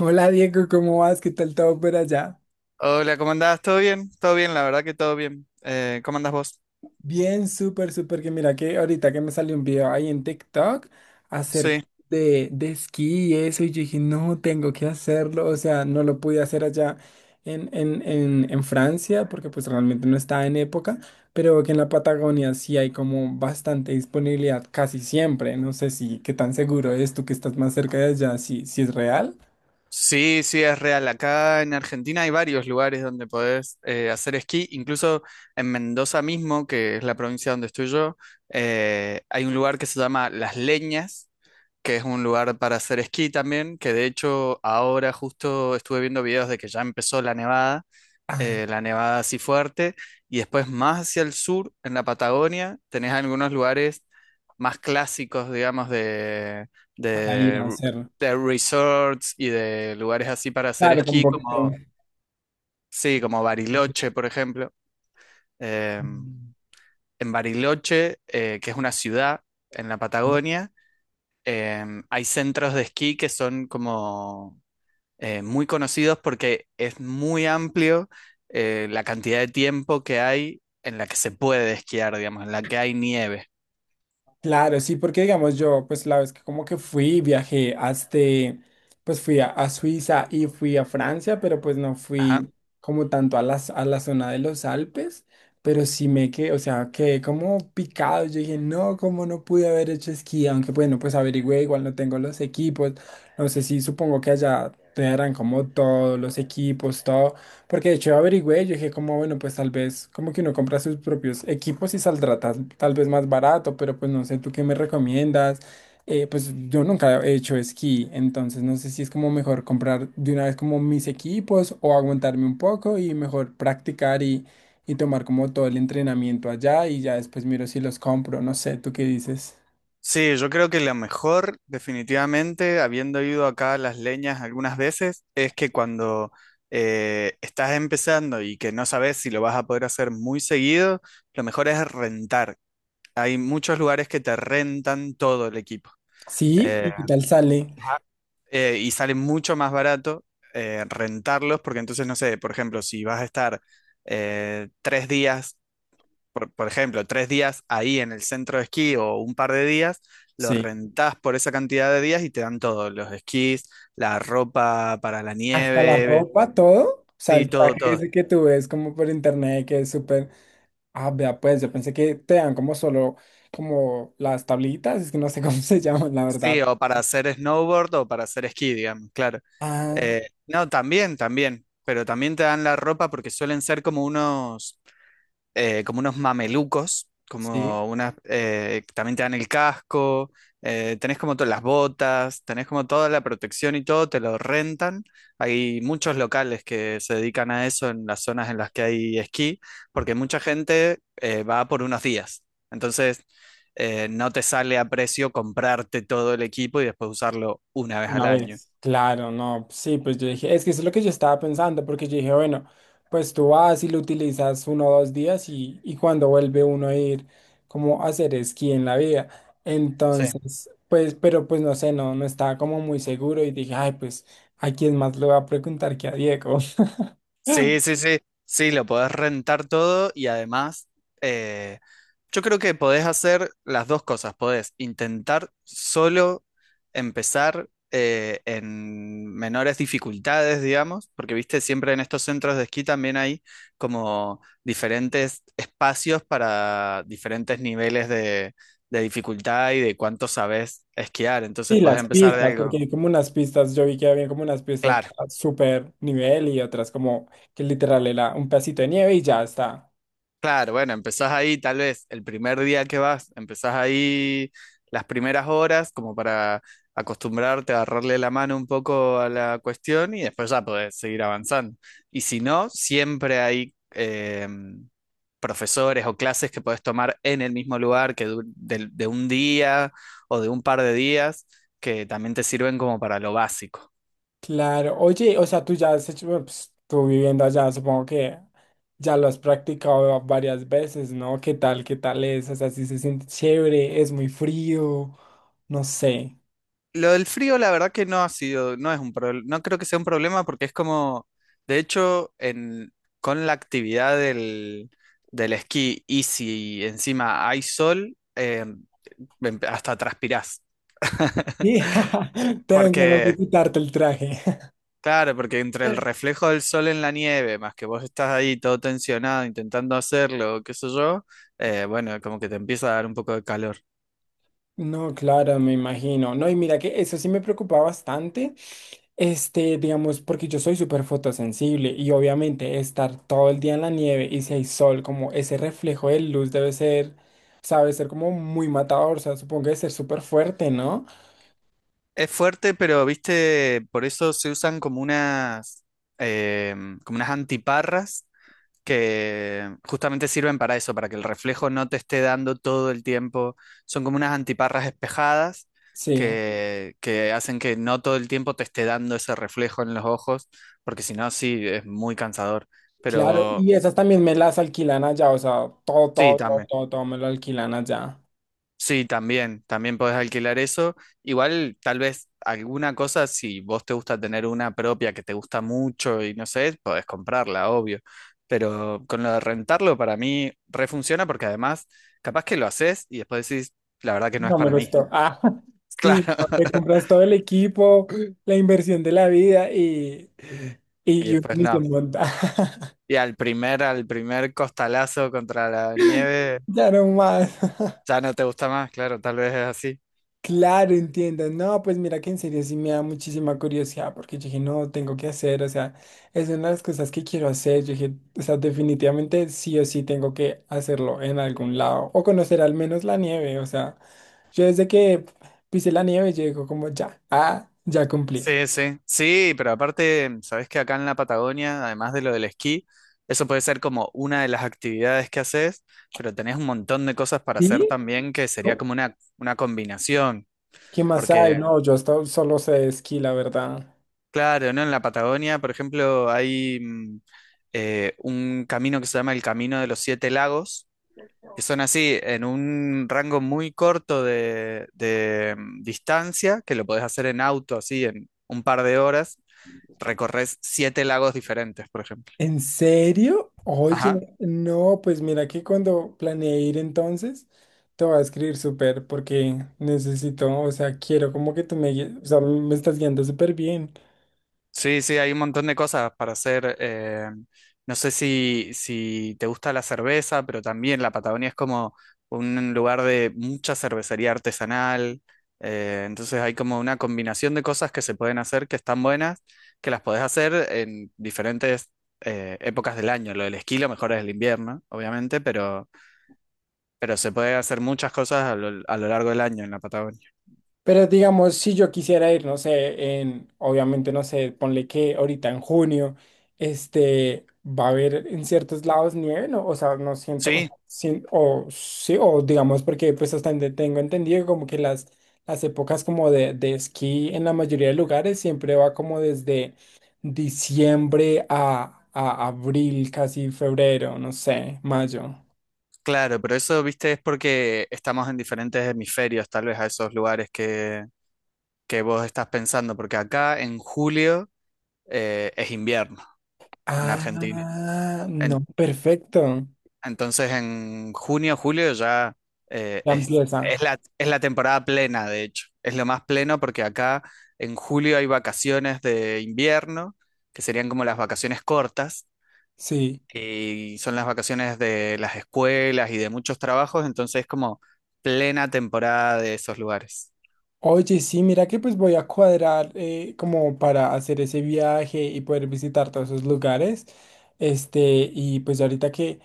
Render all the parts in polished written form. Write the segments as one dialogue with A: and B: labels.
A: Hola Diego, ¿cómo vas? ¿Qué tal todo por allá?
B: Hola, ¿cómo andás? ¿Todo bien? Todo bien, la verdad que todo bien. ¿Cómo andás vos?
A: Bien, súper, súper. Que mira que ahorita que me salió un video ahí en TikTok acerca
B: Sí,
A: de esquí y eso, y yo dije, no, tengo que hacerlo. O sea, no lo pude hacer allá en Francia porque pues realmente no estaba en época, pero que en la Patagonia sí hay como bastante disponibilidad casi siempre. No sé si qué tan seguro es, tú que estás más cerca de allá, si es real
B: sí, sí, es real. Acá en Argentina hay varios lugares donde podés hacer esquí. Incluso en Mendoza mismo, que es la provincia donde estoy yo, hay un lugar que se llama Las Leñas, que es un lugar para hacer esquí también, que de hecho ahora justo estuve viendo videos de que ya empezó la nevada. La nevada así fuerte, y después más hacia el sur, en la Patagonia, tenés algunos lugares más clásicos, digamos,
A: para ir
B: de,
A: a hacerlo.
B: de resorts y de lugares así para hacer
A: Claro, con
B: esquí, como, sí, como
A: poquito.
B: Bariloche, por ejemplo. Eh, en Bariloche, que es una ciudad en la Patagonia, hay centros de esquí que son como muy conocidos porque es muy amplio la cantidad de tiempo que hay en la que se puede esquiar, digamos, en la que hay nieve.
A: Claro, sí, porque digamos yo, pues la vez que como que fui, viajé hasta, pues fui a Suiza y fui a Francia, pero pues no
B: Ajá.
A: fui como tanto a la zona de los Alpes, pero sí me quedé, o sea, quedé como picado, yo dije, no, cómo no pude haber hecho esquí, aunque bueno, pues averigüé, igual no tengo los equipos, no sé si, supongo que allá te darán como todos los equipos, todo, porque de hecho averigüé, yo dije como, bueno, pues tal vez como que uno compra sus propios equipos y saldrá tal vez más barato, pero pues no sé, ¿tú qué me recomiendas? Pues yo nunca he hecho esquí, entonces no sé si es como mejor comprar de una vez como mis equipos o aguantarme un poco y mejor practicar y tomar como todo el entrenamiento allá y ya después miro si los compro, no sé, ¿tú qué dices?
B: Sí, yo creo que lo mejor, definitivamente, habiendo ido acá a Las Leñas algunas veces, es que cuando estás empezando y que no sabes si lo vas a poder hacer muy seguido, lo mejor es rentar. Hay muchos lugares que te rentan todo el equipo.
A: Sí,
B: Eh,
A: ¿y qué tal sale?
B: y sale mucho más barato rentarlos, porque entonces, no sé, por ejemplo, si vas a estar tres días, por ejemplo, tres días ahí en el centro de esquí o un par de días, lo
A: Sí.
B: rentás por esa cantidad de días y te dan todo, los esquís, la ropa para la
A: Hasta la
B: nieve,
A: ropa, todo. O sea,
B: sí,
A: el
B: todo,
A: traje
B: todo.
A: ese que tú ves como por internet que es súper. Ah, vea, pues yo pensé que te dan como solo como las tablitas, es que no sé cómo se llaman, la verdad.
B: Sí, o para hacer snowboard o para hacer esquí, digamos, claro.
A: Ah,
B: No, también, también, pero también te dan la ropa porque suelen ser como unos mamelucos,
A: sí,
B: como unas, también te dan el casco, tenés como todas las botas, tenés como toda la protección y todo, te lo rentan. Hay muchos locales que se dedican a eso en las zonas en las que hay esquí, porque mucha gente va por unos días. Entonces, no te sale a precio comprarte todo el equipo y después usarlo una vez al
A: una
B: año.
A: vez. Claro, no, sí, pues yo dije, es que eso es lo que yo estaba pensando, porque yo dije, bueno, pues tú vas y lo utilizas uno o dos días y cuando vuelve uno a ir como a hacer esquí en la vida.
B: Sí.
A: Entonces, pues, pero pues no sé, no, no estaba como muy seguro y dije, ay, pues, ¿a quién más le voy a preguntar que a Diego?
B: Sí, sí, sí, sí, lo podés rentar todo y además eh, yo creo que podés hacer las dos cosas, podés intentar solo empezar en menores dificultades, digamos, porque viste, siempre en estos centros de esquí también hay como diferentes espacios para diferentes niveles de dificultad y de cuánto sabés esquiar, entonces
A: Y
B: podés
A: las
B: empezar de
A: pistas,
B: Claro.
A: porque
B: Algo,
A: hay como unas pistas, yo vi que había como unas pistas
B: claro,
A: a super nivel y otras como que literal era un pedacito de nieve y ya está.
B: claro, bueno, empezás ahí tal vez el primer día que vas, empezás ahí las primeras horas como para acostumbrarte a agarrarle la mano un poco a la cuestión y después ya podés seguir avanzando. Y si no, siempre hay profesores o clases que podés tomar en el mismo lugar que un día o de un par de días que también te sirven como para lo básico.
A: Claro, oye, o sea, tú ya has hecho, bueno, pues, tú viviendo allá, supongo que ya lo has practicado varias veces, ¿no? Qué tal es? O sea, si se siente chévere, es muy frío, no sé.
B: Lo del frío, la verdad que no ha sido, no es un problema, no creo que sea un problema porque es como, de hecho, en, con la actividad del, del esquí y si encima hay sol, hasta transpirás.
A: Y te dan ganas de
B: Porque,
A: quitarte el traje.
B: claro, porque entre el reflejo del sol en la nieve, más que vos estás ahí todo tensionado intentando hacerlo, qué sé yo, bueno, como que te empieza a dar un poco de calor.
A: No, claro, me imagino. No, y mira que eso sí me preocupa bastante. Este, digamos, porque yo soy súper fotosensible y obviamente estar todo el día en la nieve y si hay sol, como ese reflejo de luz debe ser, sabe, ser como muy matador, o sea, supongo que debe ser súper fuerte, ¿no?
B: Es fuerte, pero viste, por eso se usan como unas, como unas antiparras que justamente sirven para eso, para que el reflejo no te esté dando todo el tiempo. Son como unas antiparras espejadas
A: Sí,
B: que hacen que no todo el tiempo te esté dando ese reflejo en los ojos, porque si no, sí, es muy cansador.
A: claro.
B: Pero
A: Y esas también me las alquilan allá, o sea, todo,
B: sí,
A: todo, todo,
B: también.
A: todo, todo me lo alquilan allá.
B: Sí, también, también podés alquilar eso. Igual, tal vez alguna cosa, si vos te gusta tener una propia que te gusta mucho y no sé, podés comprarla, obvio. Pero con lo de rentarlo, para mí refunciona porque además, capaz que lo haces y después decís, la verdad que no es
A: No me
B: para
A: lo
B: mí.
A: estoy. Ah,
B: Claro.
A: sí, no, te compras todo el equipo, la inversión de la vida y,
B: Y
A: y uno
B: después
A: ni
B: no.
A: se monta.
B: Y al primer costalazo contra la nieve,
A: Ya no más.
B: ya no te gusta más, claro, tal vez es así.
A: Claro, entiendo. No, pues mira que en serio sí me da muchísima curiosidad porque yo dije, no, tengo que hacer, o sea, es una de las cosas que quiero hacer. Yo dije, o sea, definitivamente sí o sí tengo que hacerlo en algún lado o conocer al menos la nieve. O sea, yo desde que pisé la nieve, yo digo como ya, ah, ya cumplí.
B: Sí, sí, sí, pero aparte, sabes que acá en la Patagonia, además de lo del esquí, eso puede ser como una de las actividades que haces, pero tenés un montón de cosas para hacer
A: ¿Sí?
B: también que sería como una combinación,
A: ¿Qué más
B: porque
A: hay? No, yo hasta hoy solo sé de esquí, la verdad.
B: claro, ¿no? En la Patagonia, por ejemplo, hay un camino que se llama el Camino de los Siete Lagos, que son así, en un rango muy corto de distancia, que lo podés hacer en auto, así, en un par de horas recorres siete lagos diferentes, por ejemplo.
A: ¿En serio?
B: Ajá.
A: Oye, no, pues mira que cuando planeé ir entonces, te voy a escribir súper porque necesito, o sea, quiero como que tú me guíes, o sea, me estás guiando súper bien.
B: Sí, sí, hay un montón de cosas para hacer. No sé si, si te gusta la cerveza, pero también la Patagonia es como un lugar de mucha cervecería artesanal. Entonces hay como una combinación de cosas que se pueden hacer que están buenas, que las podés hacer en diferentes épocas del año. Lo del esquí lo mejor es el invierno, obviamente, pero se puede hacer muchas cosas a lo largo del año en la Patagonia.
A: Pero digamos, si yo quisiera ir, no sé, en, obviamente, no sé, ponle que ahorita en junio, este, va a haber en ciertos lados nieve, ¿no? O sea, no siento,
B: Sí,
A: o sí, o digamos, porque pues hasta donde tengo entendido, como que las épocas como de esquí en la mayoría de lugares siempre va como desde diciembre a abril, casi febrero, no sé, mayo.
B: claro, pero eso, viste, es porque estamos en diferentes hemisferios, tal vez a esos lugares que vos estás pensando, porque acá en julio es invierno en Argentina.
A: Ah, no,
B: En-
A: perfecto.
B: entonces en junio, julio ya
A: Ya empieza,
B: es la temporada plena, de hecho. Es lo más pleno porque acá en julio hay vacaciones de invierno, que serían como las vacaciones cortas.
A: sí.
B: Y son las vacaciones de las escuelas y de muchos trabajos, entonces es como plena temporada de esos lugares.
A: Oye, sí, mira que pues voy a cuadrar como para hacer ese viaje y poder visitar todos esos lugares. Este, y pues ahorita que,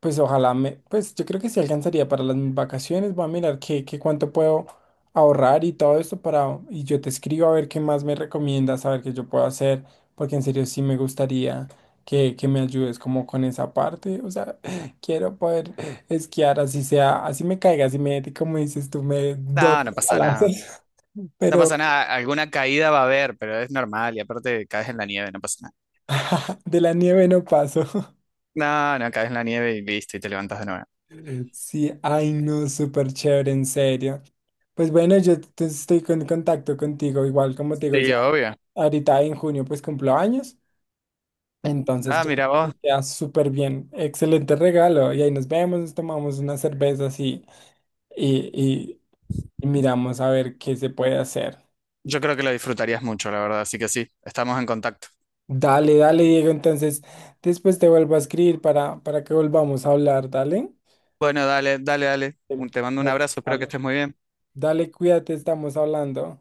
A: pues ojalá me, pues yo creo que sí alcanzaría para las vacaciones. Voy a mirar qué, qué cuánto puedo ahorrar y todo esto para, y yo te escribo a ver qué más me recomiendas, a ver qué yo puedo hacer, porque en serio sí me gustaría que me ayudes como con esa parte. O sea, quiero poder esquiar así sea, así me caiga, así me, como dices tú, me doy
B: No, no pasa nada.
A: palazos,
B: No
A: pero
B: pasa nada. Alguna caída va a haber, pero es normal. Y aparte caes en la nieve, no pasa
A: de la nieve no paso.
B: nada. No, no, caes en la nieve y listo, y te levantas de nuevo.
A: Sí, ay no, súper chévere, en serio. Pues bueno, en contacto contigo, igual como te digo,
B: Sí,
A: ya
B: obvio.
A: ahorita en junio pues cumplo años, entonces
B: Ah,
A: yo creo
B: mira
A: que
B: vos.
A: queda súper bien, excelente regalo, y ahí nos vemos, nos tomamos unas cervezas y, y- y miramos a ver qué se puede hacer.
B: Yo creo que lo disfrutarías mucho, la verdad. Así que sí, estamos en contacto.
A: Dale, dale, Diego, entonces después te vuelvo a escribir para que volvamos a hablar, dale.
B: Bueno, dale, dale, dale.
A: Em,
B: Te mando
A: A
B: un
A: ver,
B: abrazo, espero que
A: sale.
B: estés muy bien.
A: Dale, cuídate, estamos hablando.